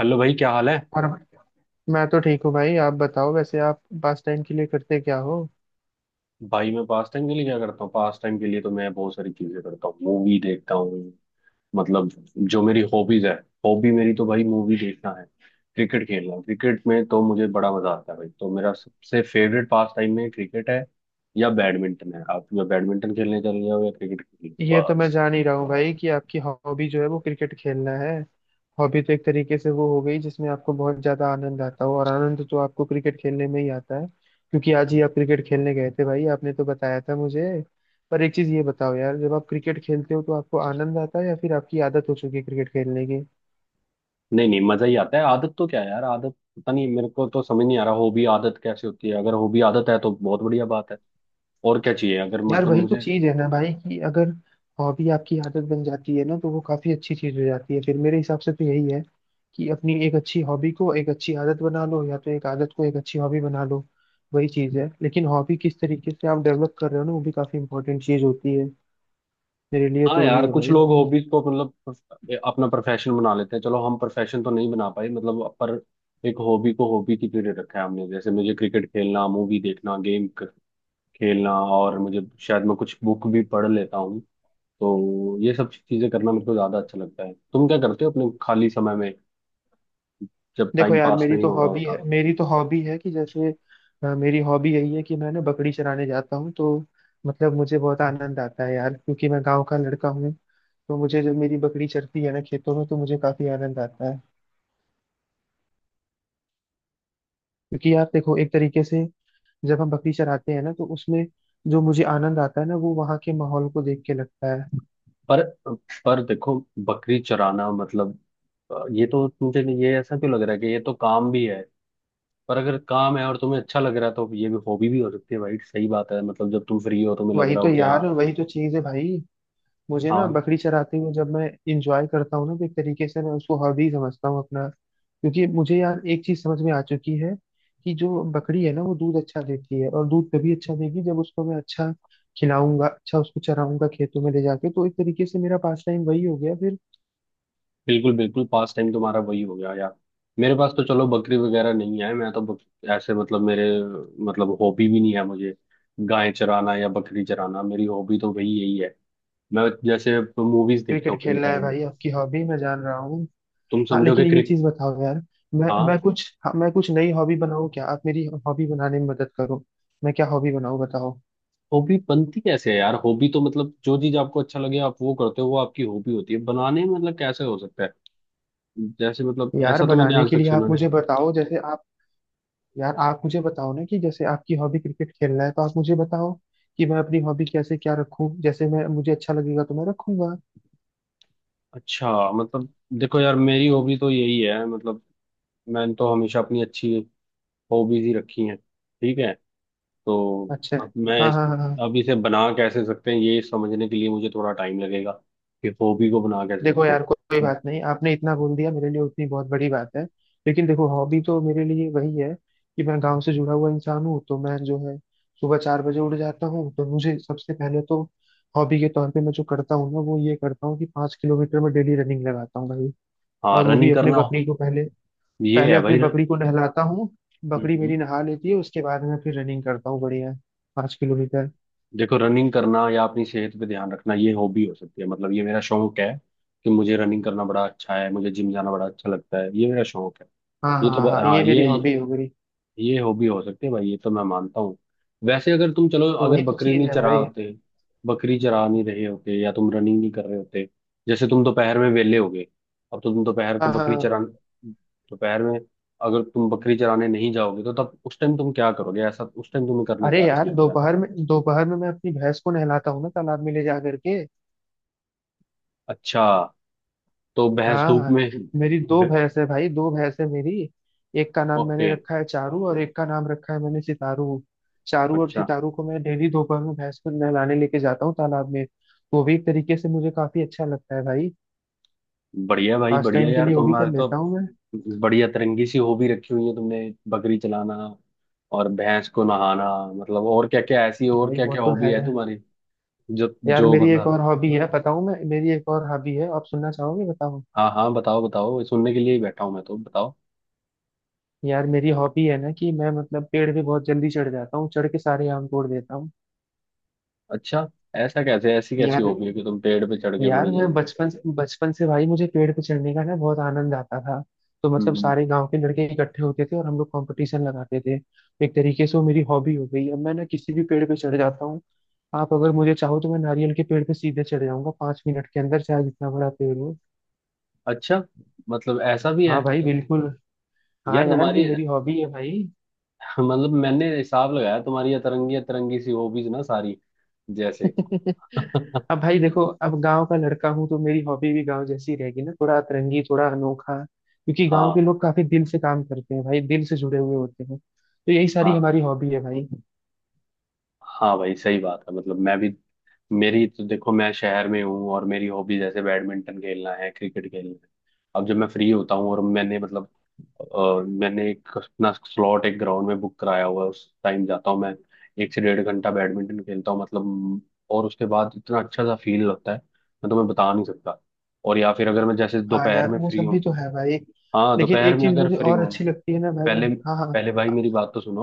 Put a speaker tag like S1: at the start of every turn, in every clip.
S1: Hello भाई, क्या हाल है?
S2: और मैं तो ठीक हूँ भाई, आप बताओ। वैसे आप पास टाइम के लिए करते क्या हो?
S1: भाई, मैं पास टाइम के लिए क्या करता हूँ? पास टाइम के लिए तो मैं बहुत सारी चीजें करता हूँ, मूवी देखता हूँ, मतलब जो मेरी हॉबीज है, हॉबी मेरी तो भाई मूवी देखना है। क्रिकेट खेलना, क्रिकेट में तो मुझे बड़ा मजा आता है भाई, तो मेरा सबसे फेवरेट पास टाइम में क्रिकेट है या बैडमिंटन है। आप या बैडमिंटन खेलने चले जाओ या क्रिकेट खेलने,
S2: ये तो मैं
S1: बस।
S2: जान ही रहा हूँ भाई कि आपकी हॉबी जो है वो क्रिकेट खेलना है। हॉबी तो एक तरीके से वो हो गई जिसमें आपको बहुत ज्यादा आनंद आता हो, और आनंद तो आपको क्रिकेट खेलने में ही आता है, क्योंकि आज ही आप क्रिकेट खेलने गए थे भाई, आपने तो बताया था मुझे। पर एक चीज ये बताओ यार, जब आप क्रिकेट खेलते हो तो आपको आनंद आता है या फिर आपकी आदत हो चुकी है क्रिकेट खेलने की?
S1: नहीं नहीं, मजा ही आता है। आदत तो क्या है यार, आदत पता नहीं, मेरे को तो समझ नहीं आ रहा हॉबी आदत कैसे होती है। अगर हॉबी आदत है तो बहुत बढ़िया बात है। और क्या चाहिए, अगर
S2: यार
S1: मतलब
S2: वही तो
S1: मुझे।
S2: चीज है ना भाई कि अगर हॉबी आपकी आदत बन जाती है ना, तो वो काफी अच्छी चीज हो जाती है फिर। मेरे हिसाब से तो यही है कि अपनी एक अच्छी हॉबी को एक अच्छी आदत बना लो, या तो एक आदत को एक अच्छी हॉबी बना लो। वही चीज है, लेकिन हॉबी किस तरीके से आप डेवलप कर रहे हो ना, वो भी काफी इंपॉर्टेंट चीज होती है। मेरे लिए
S1: हाँ
S2: तो वही
S1: यार,
S2: है
S1: कुछ
S2: भाई।
S1: लोग हॉबीज को मतलब अपना प्रोफेशन बना लेते हैं। चलो, हम प्रोफेशन तो नहीं बना पाए मतलब, पर एक हॉबी को हॉबी की तरह रखा है हमने, जैसे मुझे क्रिकेट खेलना, मूवी देखना, गेम खेलना, और मुझे शायद मैं कुछ बुक भी पढ़ लेता हूँ। तो ये सब चीजें करना मेरे को ज्यादा अच्छा लगता है। तुम क्या करते हो अपने खाली समय में, जब
S2: देखो
S1: टाइम
S2: यार,
S1: पास
S2: मेरी
S1: नहीं
S2: तो
S1: हो रहा
S2: हॉबी
S1: होता?
S2: है मेरी तो हॉबी है कि जैसे मेरी हॉबी यही है कि मैं ना बकरी चराने जाता हूँ, तो मतलब मुझे बहुत आनंद आता है यार, क्योंकि मैं गांव का लड़का हूँ। तो मुझे जब मेरी बकरी चरती है ना खेतों में, तो मुझे काफी आनंद आता है। क्योंकि यार देखो, एक तरीके से जब हम बकरी चराते हैं ना, तो उसमें जो मुझे आनंद आता है ना, वो वहाँ के माहौल को देख के लगता है।
S1: पर पर देखो, बकरी चराना मतलब ये तो मुझे, ये ऐसा क्यों लग रहा है कि ये तो काम भी है। पर अगर काम है और तुम्हें अच्छा लग रहा है तो ये भी हॉबी भी हो सकती है भाई, सही बात है, मतलब जब तुम फ्री हो तुम्हें लग
S2: वही
S1: रहा
S2: तो
S1: हो कि हाँ।
S2: यार वही तो चीज है भाई। मुझे ना
S1: हाँ,
S2: बकरी चराते हुए जब मैं इंजॉय करता हूँ ना, तो एक तरीके से मैं उसको हॉबी समझता हूँ अपना, क्योंकि मुझे यार एक चीज समझ में आ चुकी है कि जो बकरी है ना, वो दूध अच्छा देती है, और दूध तभी अच्छा देगी जब उसको मैं अच्छा खिलाऊंगा, अच्छा उसको चराऊंगा, खेतों में ले जाके। तो एक तरीके से मेरा पास टाइम वही हो गया फिर।
S1: बिल्कुल बिल्कुल, पास टाइम तुम्हारा वही हो गया यार। मेरे पास तो चलो बकरी वगैरह नहीं है, मैं तो ऐसे, मतलब मेरे, मतलब हॉबी भी नहीं है मुझे। गाय चराना या बकरी चराना मेरी हॉबी तो वही यही है। मैं जैसे मूवीज देखता
S2: क्रिकेट
S1: हूँ फ्री
S2: खेलना है
S1: टाइम में।
S2: भाई आपकी हॉबी, मैं जान रहा हूँ।
S1: तुम
S2: हाँ, लेकिन
S1: समझोगे
S2: ये
S1: क्रिक
S2: चीज बताओ यार, मैं
S1: हाँ।
S2: कुछ हाँ, मैं कुछ नई हॉबी बनाऊँ क्या? आप मेरी हॉबी बनाने में मदद करो। मैं क्या हॉबी बनाऊँ बताओ?
S1: हॉबी बनती कैसे है यार? हॉबी तो मतलब जो चीज आपको अच्छा लगे आप वो करते हो, वो आपकी हॉबी होती है। बनाने में मतलब कैसे हो सकता है? जैसे मतलब
S2: यार
S1: ऐसा तो मैंने
S2: बनाने
S1: आज
S2: के
S1: तक
S2: लिए आप
S1: सुना नहीं।
S2: मुझे बताओ, जैसे आप यार आप मुझे बताओ ना कि जैसे आपकी हॉबी क्रिकेट खेलना है, तो आप मुझे बताओ कि मैं अपनी हॉबी कैसे क्या रखूँ। जैसे मैं मुझे अच्छा लगेगा तो मैं रखूंगा।
S1: अच्छा, मतलब देखो यार, मेरी हॉबी तो यही है, मतलब मैंने तो हमेशा अपनी अच्छी हॉबीज ही रखी हैं। ठीक है, तो
S2: अच्छा।
S1: अब
S2: हाँ हाँ हाँ हाँ।
S1: अब इसे बना कैसे सकते हैं, ये समझने के लिए मुझे थोड़ा टाइम लगेगा, कि हॉबी को बना कैसे
S2: देखो
S1: सकते
S2: यार, कोई
S1: हैं।
S2: बात नहीं, आपने इतना बोल दिया मेरे लिए उतनी बहुत बड़ी बात है। लेकिन देखो, हॉबी तो मेरे लिए वही है कि मैं गांव से जुड़ा हुआ इंसान हूँ, तो मैं जो है सुबह 4 बजे उठ जाता हूँ, तो मुझे सबसे पहले तो हॉबी के तौर पे मैं जो करता हूँ ना, वो ये करता हूँ कि पाँच किलोमीटर में डेली रनिंग लगाता हूँ भाई।
S1: हाँ,
S2: और वो भी
S1: रनिंग
S2: अपने
S1: करना,
S2: बकरी को पहले,
S1: ये
S2: पहले
S1: है
S2: अपने
S1: भाई।
S2: बकरी को नहलाता हूँ। बकरी
S1: हम्म।
S2: मेरी नहा लेती है, उसके बाद मैं फिर रनिंग करता हूँ बढ़िया 5 किलोमीटर।
S1: देखो, रनिंग करना या अपनी सेहत पे ध्यान रखना, ये हॉबी हो सकती है, मतलब ये मेरा शौक है, कि मुझे रनिंग करना बड़ा अच्छा है, मुझे जिम जाना बड़ा अच्छा लगता है, ये मेरा शौक है।
S2: हाँ
S1: ये तो
S2: हाँ हाँ, ये
S1: हाँ,
S2: मेरी
S1: ये
S2: हॉबी हो गई।
S1: ये हॉबी हो सकती है भाई, ये तो मैं मानता हूँ। वैसे अगर तुम, चलो,
S2: तो
S1: अगर
S2: वही तो चीज है भाई।
S1: बकरी चरा नहीं रहे होते, या तुम रनिंग नहीं कर रहे होते। जैसे तुम दोपहर में वेले हो गए। अब तो तुम दोपहर को
S2: हाँ हाँ
S1: बकरी
S2: हाँ।
S1: चरा दोपहर में अगर तुम बकरी चराने नहीं जाओगे तो तब उस टाइम तुम क्या करोगे? ऐसा उस टाइम तुम्हें करना
S2: अरे
S1: क्या अच्छा
S2: यार,
S1: लगता है?
S2: दोपहर में मैं अपनी भैंस को नहलाता हूँ ना तालाब में ले जा करके।
S1: अच्छा, तो भैंस धूप
S2: हाँ,
S1: में।
S2: मेरी 2 भैंस है भाई, 2 भैंस है मेरी। एक का नाम
S1: ओके।
S2: मैंने रखा है चारू और एक का नाम रखा है मैंने सितारू। चारू और
S1: अच्छा,
S2: सितारू को मैं डेली दोपहर में भैंस को नहलाने लेके जाता हूँ तालाब में। वो भी एक तरीके से मुझे काफी अच्छा लगता है भाई,
S1: बढ़िया भाई,
S2: पास
S1: बढ़िया
S2: टाइम के
S1: यार,
S2: लिए वो भी कर
S1: तुम्हारे तो
S2: लेता हूँ मैं।
S1: बढ़िया तरंगी सी हॉबी रखी हुई है तुमने। बकरी चलाना और भैंस को नहाना, मतलब और क्या क्या ऐसी, और
S2: भाई
S1: क्या
S2: वो
S1: क्या
S2: तो
S1: हॉबी
S2: है।
S1: है तुम्हारी, जो
S2: यार
S1: जो,
S2: मेरी एक
S1: मतलब।
S2: और हॉबी है, बताऊँ मैं? मेरी एक और हॉबी है, आप सुनना चाहोगे बताओ?
S1: हाँ हाँ, बताओ बताओ, सुनने के लिए ही बैठा हूँ मैं, तो बताओ।
S2: यार मेरी हॉबी है ना कि मैं मतलब पेड़ पे बहुत जल्दी चढ़ जाता हूँ, चढ़ के सारे आम तोड़ देता हूँ।
S1: अच्छा, ऐसा कैसे? ऐसी कैसी
S2: यार
S1: हॉबी है कि तुम पेड़ पे चढ़ के
S2: यार
S1: बड़ी
S2: मैं
S1: जल्दी?
S2: बचपन से भाई, मुझे पेड़ पे चढ़ने का ना बहुत आनंद आता था। तो मतलब
S1: हम्म।
S2: सारे गांव के लड़के इकट्ठे होते थे और हम लोग कंपटीशन लगाते थे, तो एक तरीके से वो मेरी हॉबी हो गई। अब मैं ना किसी भी पेड़ पे चढ़ जाता हूँ। आप अगर मुझे चाहो तो मैं नारियल के पेड़ पे सीधे चढ़ जाऊंगा 5 मिनट के अंदर, चाहे जितना बड़ा पेड़ हो।
S1: अच्छा, मतलब ऐसा भी है?
S2: हाँ भाई बिल्कुल। हाँ
S1: यार
S2: यार, ये
S1: तुम्हारी
S2: मेरी हॉबी है भाई।
S1: मतलब मैंने हिसाब लगाया, तुम्हारी अतरंगी अतरंगी सी हॉबीज ना सारी, जैसे
S2: अब भाई देखो, अब गांव का लड़का हूँ तो मेरी हॉबी भी गांव जैसी रहेगी ना, थोड़ा अतरंगी, थोड़ा अनोखा। क्योंकि गांव के
S1: हाँ
S2: लोग काफी दिल से काम करते हैं भाई, दिल से जुड़े हुए होते हैं, तो यही सारी
S1: हाँ।
S2: हमारी हॉबी है भाई।
S1: हाँ भाई सही बात है, मतलब मैं भी, मेरी तो देखो, मैं शहर में हूँ, और मेरी हॉबी जैसे बैडमिंटन खेलना है, क्रिकेट खेलना है। अब जब मैं फ्री होता हूँ और मैंने मतलब मैंने एक अपना स्लॉट एक ग्राउंड में बुक कराया हुआ है, उस टाइम जाता हूँ मैं, 1 से 1.5 घंटा बैडमिंटन खेलता हूँ, मतलब, और उसके बाद इतना अच्छा सा फील लगता है, मैं तुम्हें बता नहीं सकता। और या फिर अगर मैं जैसे
S2: हाँ
S1: दोपहर
S2: यार,
S1: में
S2: वो
S1: फ्री
S2: सब
S1: हूँ।
S2: भी तो है भाई।
S1: हाँ,
S2: लेकिन
S1: दोपहर
S2: एक
S1: में
S2: चीज
S1: अगर
S2: मुझे
S1: फ्री
S2: और
S1: हूँ,
S2: अच्छी लगती है ना भाई।
S1: पहले,
S2: हाँ हाँ
S1: पहले भाई मेरी बात तो सुनो,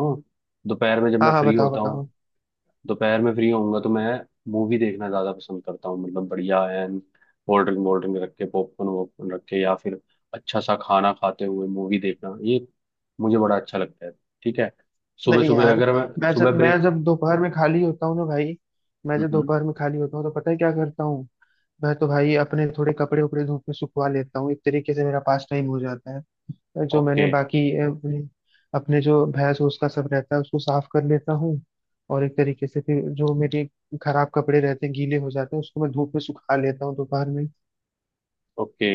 S1: दोपहर में जब
S2: हाँ
S1: मैं
S2: हाँ,
S1: फ्री
S2: बताओ
S1: होता हूँ,
S2: बताओ।
S1: दोपहर में फ्री होऊंगा तो मैं मूवी देखना ज्यादा पसंद करता हूँ, मतलब बढ़िया एंड कोल्ड ड्रिंक वोल्ड ड्रिंक रख के, पॉपकॉर्न वॉपकॉर्न रख के, या फिर अच्छा सा खाना खाते हुए मूवी देखना, ये मुझे बड़ा अच्छा लगता है। ठीक है। सुबह
S2: नहीं
S1: सुबह
S2: यार,
S1: अगर मैं,
S2: मैं जब
S1: सुबह
S2: मैं
S1: ब्रेक,
S2: जब दोपहर में खाली होता हूँ ना भाई, मैं जब
S1: हम्म,
S2: दोपहर में खाली होता हूँ तो पता है क्या करता हूँ? मैं तो भाई अपने थोड़े कपड़े उपड़े धूप में सुखवा लेता हूँ, एक तरीके से मेरा पास टाइम हो जाता है। जो मैंने
S1: ओके,
S2: बाकी अपने जो भैंस भूस का सब रहता है उसको साफ कर लेता हूँ। और एक तरीके से फिर जो मेरे खराब कपड़े रहते हैं, गीले हो जाते हैं, उसको मैं धूप में सुखा लेता हूँ दोपहर में।
S1: ओके।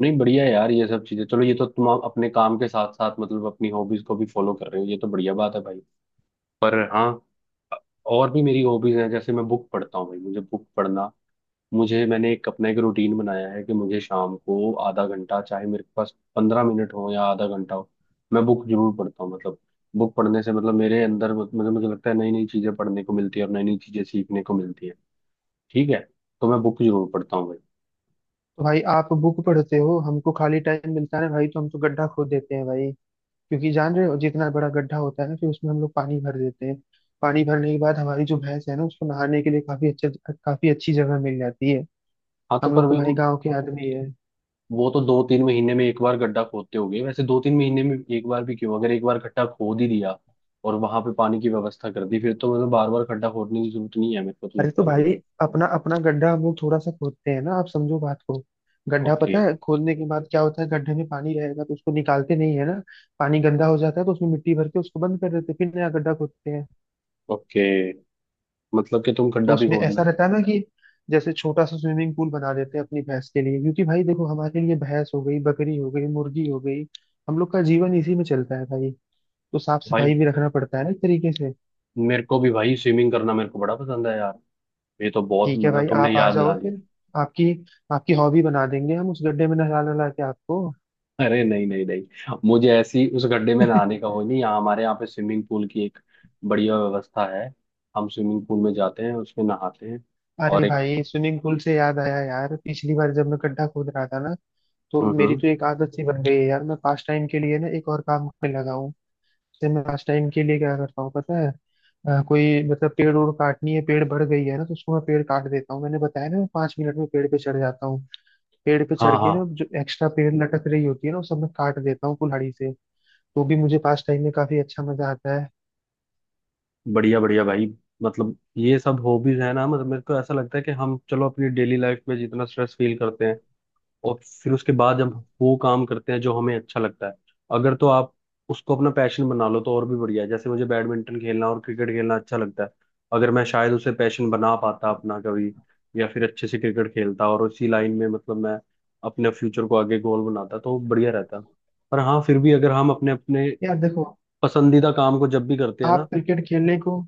S1: नहीं, बढ़िया है यार, ये सब चीजें, चलो ये तो तुम अपने काम के साथ साथ मतलब अपनी हॉबीज को भी फॉलो कर रहे हो, ये तो बढ़िया बात है भाई। पर हाँ, और भी मेरी हॉबीज हैं, जैसे मैं बुक पढ़ता हूँ भाई, मुझे बुक पढ़ना, मुझे, मैंने एक अपना एक रूटीन बनाया है कि मुझे शाम को आधा घंटा, चाहे मेरे पास 15 मिनट हो या आधा घंटा हो, मैं बुक जरूर पढ़ता हूँ। मतलब बुक पढ़ने से मतलब मेरे अंदर मतलब मुझे लगता है नई नई चीजें पढ़ने को मिलती है और नई नई चीजें सीखने को मिलती है। ठीक है, तो मैं बुक जरूर पढ़ता हूँ भाई।
S2: तो भाई आप बुक पढ़ते हो, हमको खाली टाइम मिलता है भाई तो हम तो गड्ढा खोद देते हैं भाई। क्योंकि जान रहे हो, जितना बड़ा गड्ढा होता है ना, फिर उसमें हम लोग पानी भर देते हैं। पानी भरने के बाद हमारी जो भैंस है ना, उसको नहाने के लिए काफी अच्छा, काफी अच्छी जगह मिल जाती है।
S1: हाँ, तो
S2: हम
S1: पर
S2: लोग तो
S1: भाई
S2: भाई
S1: वो
S2: गाँव के आदमी है।
S1: वो तो दो तीन महीने में एक बार गड्ढा खोदते होगे। वैसे दो तीन महीने में एक बार भी क्यों? अगर एक बार गड्ढा खोद ही दिया और वहां पे पानी की व्यवस्था कर दी फिर तो मतलब बार बार गड्ढा खोदने की जरूरत नहीं है, मेरे को तो
S2: अरे तो
S1: लगता है भाई।
S2: भाई, अपना अपना गड्ढा हम लोग थोड़ा सा खोदते हैं ना, आप समझो बात को। गड्ढा
S1: ओके।
S2: पता है खोदने के बाद क्या होता है? गड्ढे में पानी रहेगा, तो उसको निकालते नहीं है ना। पानी गंदा हो जाता है, तो उसमें मिट्टी भर के उसको बंद कर देते हैं, फिर नया गड्ढा खोदते हैं।
S1: ओके, मतलब कि तुम
S2: तो
S1: खड्डा भी
S2: उसमें ऐसा
S1: खोदना
S2: रहता है ना कि जैसे छोटा सा स्विमिंग पूल बना देते हैं अपनी भैंस के लिए। क्योंकि भाई देखो, हमारे लिए भैंस हो गई, बकरी हो गई, मुर्गी हो गई, हम लोग का जीवन इसी में चलता है भाई। तो साफ
S1: भाई?
S2: सफाई भी रखना पड़ता है ना, एक तरीके से।
S1: मेरे को भी भाई स्विमिंग करना मेरे को बड़ा पसंद है यार, ये तो बहुत,
S2: ठीक है
S1: मतलब
S2: भाई,
S1: तुमने
S2: आप आ
S1: याद
S2: जाओ
S1: दिला दिया।
S2: फिर। आपकी आपकी हॉबी बना देंगे हम, उस गड्ढे में नहला नहला के आपको।
S1: अरे नहीं नहीं नहीं, मुझे ऐसी उस गड्ढे में नहाने का हो नहीं, यहाँ हमारे यहाँ पे स्विमिंग पूल की एक बढ़िया व्यवस्था है, हम स्विमिंग पूल में जाते हैं उसमें नहाते हैं।
S2: अरे
S1: और एक,
S2: भाई, स्विमिंग पूल से याद आया यार, पिछली बार जब मैं गड्ढा खोद रहा था ना, तो
S1: हम्म,
S2: मेरी
S1: हम्म,
S2: तो एक आदत सी बन गई है यार, मैं पास टाइम के लिए ना एक और काम में लगा हूँ। जैसे मैं पास टाइम के लिए क्या करता हूँ पता है? कोई मतलब पेड़ ओड़ काटनी है, पेड़ बढ़ गई है ना, तो उसको मैं पेड़ काट देता हूँ। मैंने बताया ना मैं 5 मिनट में पेड़ पे चढ़ जाता हूँ। पेड़ पे चढ़
S1: हाँ,
S2: के ना
S1: हाँ,
S2: जो एक्स्ट्रा पेड़ लटक रही होती है ना, वो सब मैं काट देता हूँ कुल्हाड़ी से। तो भी मुझे पास टाइम में काफी अच्छा मजा आता है।
S1: बढ़िया बढ़िया भाई, मतलब ये सब हॉबीज है ना, मतलब मेरे को ऐसा लगता है कि हम, चलो, अपनी डेली लाइफ में जितना स्ट्रेस फील करते हैं, और फिर उसके बाद जब वो काम करते हैं जो हमें अच्छा लगता है, अगर तो आप उसको अपना पैशन बना लो तो और भी बढ़िया है। जैसे मुझे बैडमिंटन खेलना और क्रिकेट खेलना अच्छा लगता है, अगर मैं शायद उसे पैशन बना पाता अपना कभी, या फिर अच्छे से क्रिकेट खेलता और उसी लाइन में मतलब मैं अपने फ्यूचर को आगे गोल बनाता, तो बढ़िया रहता। पर हाँ, फिर भी अगर हम अपने अपने
S2: यार देखो,
S1: पसंदीदा काम को जब भी करते हैं
S2: आप
S1: ना,
S2: क्रिकेट खेलने को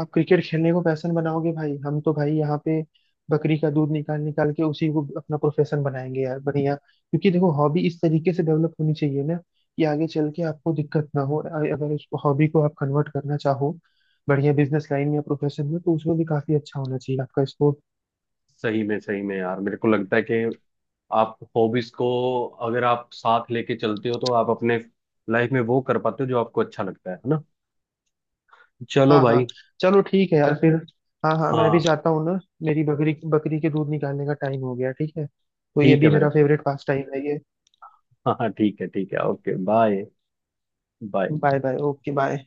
S2: आप क्रिकेट खेलने को पैशन बनाओगे भाई, हम तो भाई यहाँ पे बकरी का दूध निकाल निकाल के उसी को अपना प्रोफेशन बनाएंगे यार, बढ़िया। क्योंकि देखो हॉबी इस तरीके से डेवलप होनी चाहिए ना कि आगे चल के आपको दिक्कत ना हो। अगर उस हॉबी को आप कन्वर्ट करना चाहो बढ़िया बिजनेस लाइन में या प्रोफेशन में, तो उसमें भी काफी अच्छा होना चाहिए आपका स्कोप।
S1: सही में यार, मेरे को लगता है कि आप हॉबीज को, अगर आप साथ लेके चलते हो, तो आप अपने लाइफ में वो कर पाते हो जो आपको अच्छा लगता है ना? चलो
S2: हाँ हाँ,
S1: भाई।
S2: चलो ठीक है यार फिर। हाँ हाँ, मैं भी
S1: हाँ,
S2: जाता हूँ ना, मेरी बकरी बकरी के दूध निकालने का टाइम हो गया। ठीक है, तो ये
S1: ठीक
S2: भी
S1: है मेरे
S2: मेरा
S1: भाई।
S2: फेवरेट पास टाइम है ये।
S1: हाँ हाँ, ठीक है, ठीक है, okay, bye. Bye.
S2: Bye bye, okay bye.